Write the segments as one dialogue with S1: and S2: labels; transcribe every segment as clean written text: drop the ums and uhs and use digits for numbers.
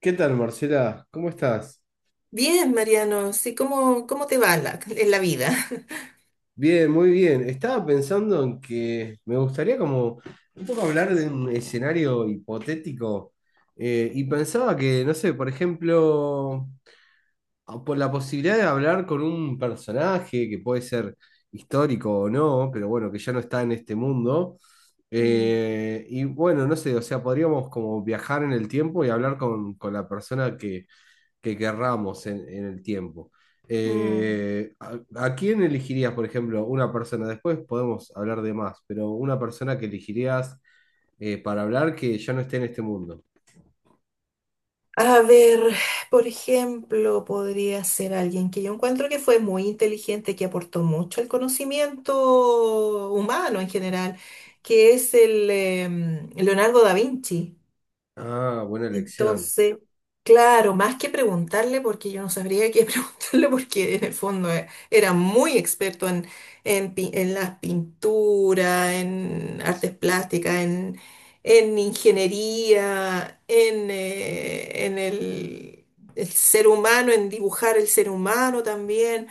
S1: ¿Qué tal, Marcela? ¿Cómo estás?
S2: Bien, Mariano, sí, ¿cómo, cómo te va en la vida?
S1: Bien, muy bien. Estaba pensando en que me gustaría como un poco hablar de un escenario hipotético y pensaba que, no sé, por ejemplo, por la posibilidad de hablar con un personaje que puede ser histórico o no, pero bueno, que ya no está en este mundo.
S2: Mm.
S1: Y bueno, no sé, o sea, podríamos como viajar en el tiempo y hablar con la persona que querramos en el tiempo.
S2: Mm.
S1: ¿A quién elegirías, por ejemplo, una persona? Después podemos hablar de más, pero una persona que elegirías para hablar que ya no esté en este mundo.
S2: A ver, por ejemplo, podría ser alguien que yo encuentro que fue muy inteligente, que aportó mucho al conocimiento humano en general, que es Leonardo da Vinci.
S1: Ah, buena elección.
S2: Entonces, claro, más que preguntarle, porque yo no sabría qué preguntarle, porque en el fondo era muy experto en las pinturas, en artes plásticas, en ingeniería, en el ser humano, en dibujar el ser humano también,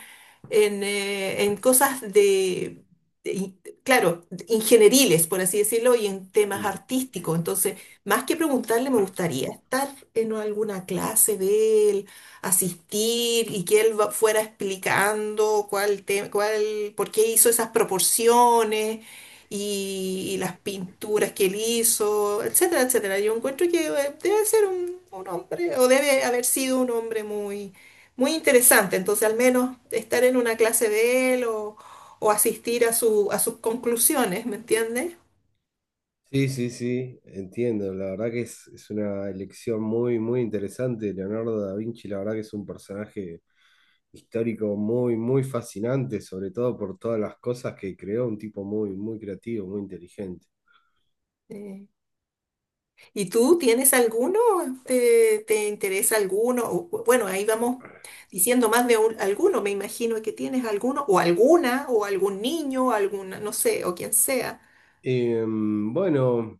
S2: en cosas claro, ingenieriles, por así decirlo, y en temas
S1: Mm.
S2: artísticos. Entonces, más que preguntarle, me gustaría estar en alguna clase de él, asistir y que fuera explicando cuál, por qué hizo esas proporciones y las pinturas que él hizo, etcétera, etcétera. Yo encuentro que debe ser un hombre o debe haber sido un hombre muy, muy interesante. Entonces, al menos estar en una clase de él o asistir a su, a sus conclusiones, ¿me entiendes?
S1: Sí, sí, sí, entiendo. La verdad que es una elección muy, muy interesante. Leonardo da Vinci, la verdad que es un personaje histórico muy, muy fascinante, sobre todo por todas las cosas que creó, un tipo muy, muy creativo, muy inteligente.
S2: Eh, ¿Y tú tienes alguno? ¿Te, te interesa alguno? O, bueno, ahí vamos diciendo más de alguno, me imagino que tienes alguno, o alguna, o algún niño, o alguna, no sé, o quien sea.
S1: Bueno,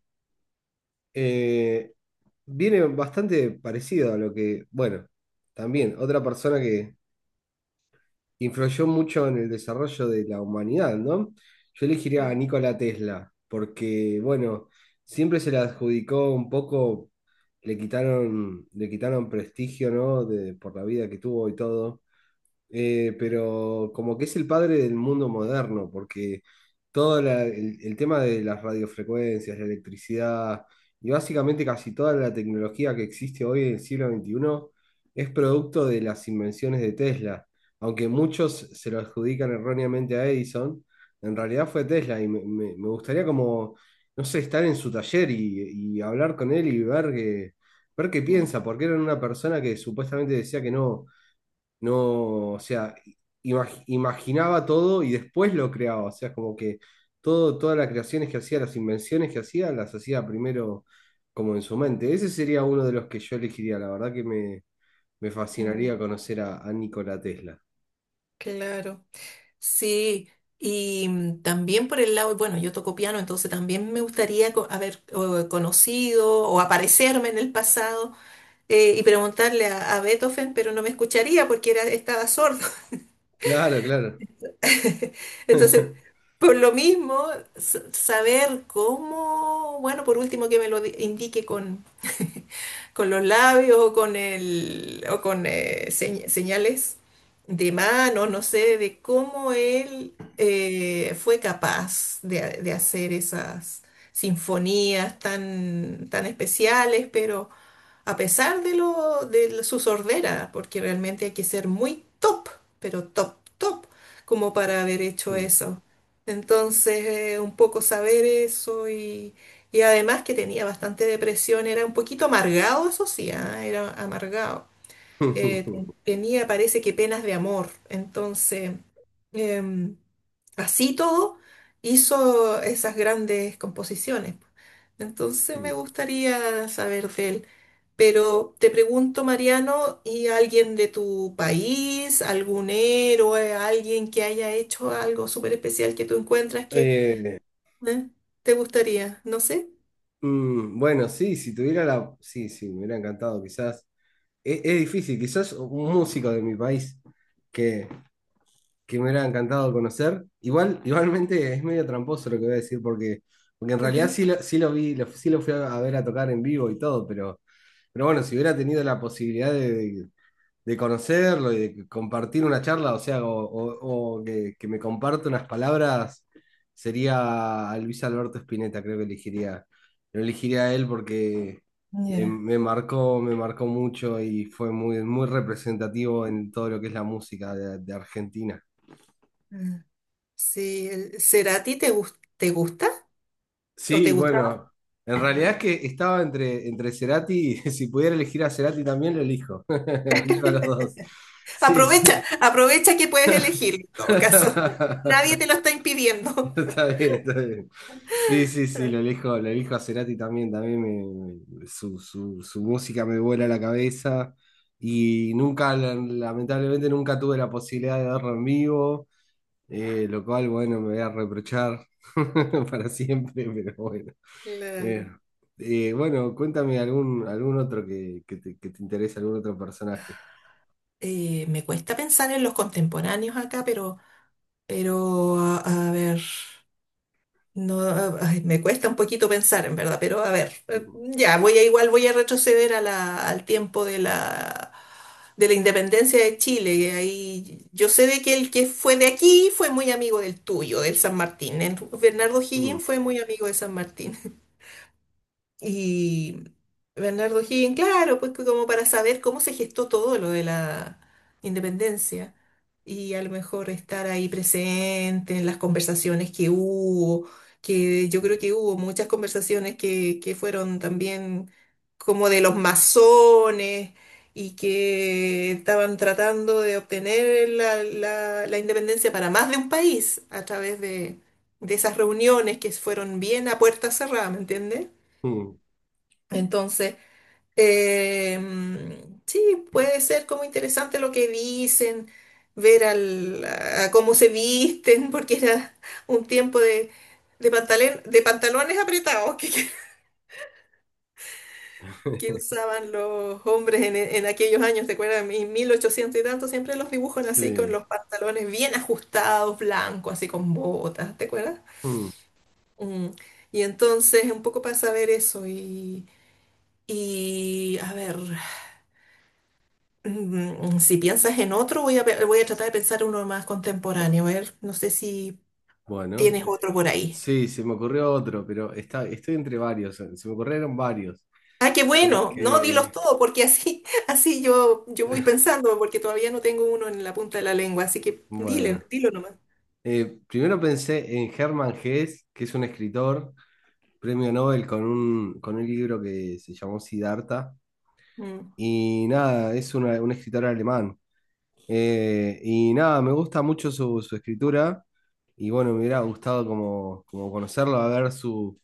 S1: eh, viene bastante parecido a lo que, bueno, también otra persona que influyó mucho en el desarrollo de la humanidad, ¿no? Yo elegiría a
S2: Mm.
S1: Nikola Tesla, porque, bueno, siempre se le adjudicó un poco, le quitaron prestigio, ¿no? De, por la vida que tuvo y todo. Pero como que es el padre del mundo moderno, porque el tema de las radiofrecuencias, la electricidad y básicamente casi toda la tecnología que existe hoy en el siglo XXI es producto de las invenciones de Tesla. Aunque muchos se lo adjudican erróneamente a Edison, en realidad fue Tesla y me gustaría como, no sé, estar en su taller y hablar con él y ver ver qué piensa,
S2: Mm.
S1: porque era una persona que supuestamente decía que no. No, o sea, imaginaba todo y después lo creaba. O sea, como que todas las creaciones que hacía, las invenciones que hacía, las hacía primero como en su mente. Ese sería uno de los que yo elegiría. La verdad que me fascinaría
S2: Mm.
S1: conocer a Nikola Tesla.
S2: Claro, sí. Y también por el lado, bueno, yo toco piano, entonces también me gustaría haber conocido o aparecerme en el pasado y preguntarle a Beethoven, pero no me escucharía porque era, estaba sordo.
S1: Claro, claro.
S2: Entonces, por lo mismo, saber cómo, bueno, por último que me lo indique con, con los labios o con el, o con señales de mano, no sé, de cómo él fue capaz de hacer esas sinfonías tan, tan especiales, pero a pesar de lo de su sordera, porque realmente hay que ser muy top, pero top, top, como para haber hecho eso. Entonces, un poco saber eso y además que tenía bastante depresión, era un poquito amargado, eso sí, ah. Era amargado. Tenía, parece que penas de amor. Entonces, em, así todo, hizo esas grandes composiciones. Entonces me gustaría saber de él. Pero te pregunto, Mariano, ¿y alguien de tu país, algún héroe, alguien que haya hecho algo súper especial que tú encuentras que
S1: Eh,
S2: eh, te gustaría? No sé.
S1: bueno, sí, si tuviera la... Sí, sí, me hubiera encantado, quizás. Es difícil, quizás un músico de mi país que, que me hubiera encantado conocer. Igual, igualmente es medio tramposo lo que voy a decir, porque, porque en realidad
S2: Ajá.
S1: sí lo vi, sí lo fui a ver a tocar en vivo y todo, pero bueno, si hubiera tenido la posibilidad de conocerlo y de compartir una charla, o sea, o que me comparte unas palabras, sería a Luis Alberto Spinetta, creo que elegiría, lo elegiría a él porque...
S2: Ya.
S1: me marcó mucho y fue muy, muy representativo en todo lo que es la música de Argentina.
S2: Mm. Sí, el Cerati te gusta o te
S1: Sí,
S2: gustaba.
S1: bueno, en realidad es que estaba entre Cerati, y si pudiera elegir a Cerati también lo elijo. Elijo a los dos. Sí, sí.
S2: Aprovecha, aprovecha que puedes elegir en todo caso. Nadie te lo está impidiendo.
S1: Está bien, está bien. Sí, sí, sí, lo elijo a Cerati también, también su, su música me vuela la cabeza y nunca, lamentablemente nunca tuve la posibilidad de verlo en vivo, lo cual, bueno, me voy a reprochar para siempre, pero bueno. Eh,
S2: Claro.
S1: bueno, cuéntame algún, algún otro que te interese, algún otro personaje.
S2: Me cuesta pensar en los contemporáneos acá, pero a ver. No, ay, me cuesta un poquito pensar, en verdad, pero a ver,
S1: Mm,
S2: voy a igual voy a retroceder a al tiempo de de la independencia de Chile. Y ahí yo sé de que el que fue de aquí fue muy amigo del tuyo, del San Martín. Bernardo
S1: mm,
S2: Higgins fue muy amigo de San Martín. Y Bernardo Higgins, claro, pues que como para saber cómo se gestó todo lo de la independencia y a lo mejor estar ahí presente en las conversaciones que hubo, que yo creo que hubo muchas conversaciones que fueron también como de los masones y que estaban tratando de obtener la independencia para más de un país a través de esas reuniones que fueron bien a puerta cerrada, ¿me entiendes?
S1: mm.
S2: Entonces, eh, sí, puede ser como interesante lo que dicen, ver al, a cómo se visten, porque era un tiempo de pantalones apretados que usaban los hombres en aquellos años, ¿te acuerdas? En 1800 y tanto, siempre los dibujan así, con
S1: Sí.
S2: los pantalones bien ajustados, blancos, así con botas, ¿te acuerdas?
S1: Mm.
S2: Mm. Y entonces, un poco para saber eso y a ver. Mm. Si piensas en otro, voy a tratar de pensar uno más contemporáneo. A ver, no sé si
S1: Bueno,
S2: tienes otro por ahí.
S1: sí, se me ocurrió otro, pero está, estoy entre varios. Se me ocurrieron varios.
S2: Ah, qué bueno. No, dilos
S1: Porque,
S2: todo, porque así, así yo, yo voy pensando, porque todavía no tengo uno en la punta de la lengua. Así que
S1: bueno,
S2: dile, dilo nomás.
S1: primero pensé en Hermann Hesse, que es un escritor, premio Nobel con un libro que se llamó Siddhartha.
S2: Mm,
S1: Y nada, un escritor alemán. Y nada, me gusta mucho su escritura y bueno, me hubiera gustado como, como conocerlo, a ver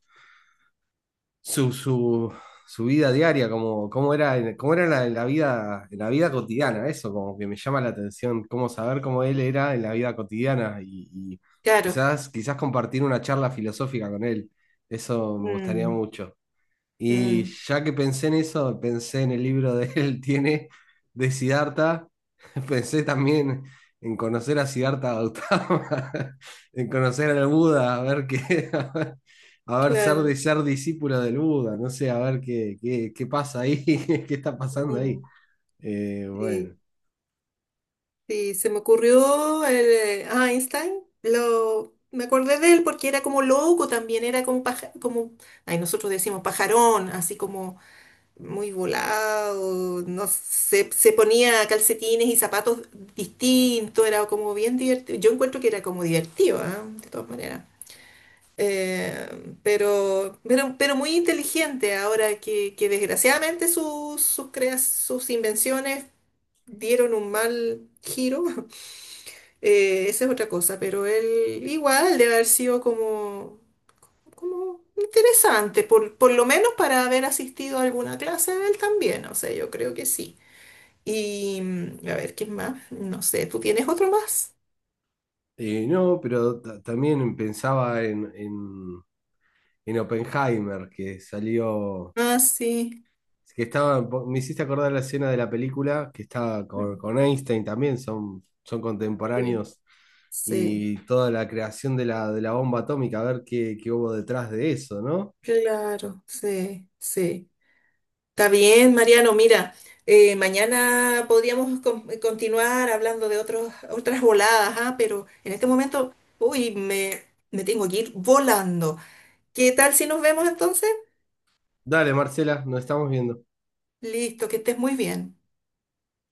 S1: su, su, su vida diaria, cómo era, cómo era la vida, en la vida cotidiana, eso como que me llama la atención, cómo saber cómo él era en la vida cotidiana y
S2: claro.
S1: quizás, quizás compartir una charla filosófica con él, eso me gustaría
S2: Mm.
S1: mucho. Y
S2: Mm,
S1: ya que pensé en eso, pensé en el libro de él, tiene de Siddhartha, pensé también en conocer a Siddhartha Gautama, en conocer al Buda, a ver qué, a ver,
S2: claro.
S1: ser discípulo del Buda, no sé, a ver qué, qué pasa ahí, qué está pasando ahí.
S2: Mm,
S1: Eh, bueno,
S2: sí, sí, se me ocurrió Einstein. Lo, me acordé de él porque era como loco también, era ay, nosotros decimos pajarón, así como muy volado, no sé, se ponía calcetines y zapatos distintos, era como bien divertido. Yo encuentro que era como divertido, ¿ah? De todas maneras. Pero, pero muy inteligente ahora que desgraciadamente sus, sus invenciones dieron un mal giro. Esa es otra cosa, pero él igual debe haber sido como interesante, por lo menos para haber asistido a alguna clase de él también, o sea, yo creo que sí. Y a ver, ¿quién más? No sé, ¿tú tienes otro más?
S1: No, pero también pensaba en Oppenheimer, que salió.
S2: Ah, sí.
S1: Es que estaba, me hiciste acordar la escena de la película que estaba
S2: Mm.
S1: con Einstein también, son, son
S2: Sí,
S1: contemporáneos
S2: sí,
S1: y toda la creación de la bomba atómica, a ver qué, qué hubo detrás de eso, ¿no?
S2: claro, sí, sí. Está bien, Mariano, mira, mañana podríamos continuar hablando de otros, otras voladas, ah. Pero en este momento, uy, me tengo que ir volando. ¿Qué tal si nos vemos entonces?
S1: Dale, Marcela, nos estamos viendo.
S2: Listo, que estés muy bien.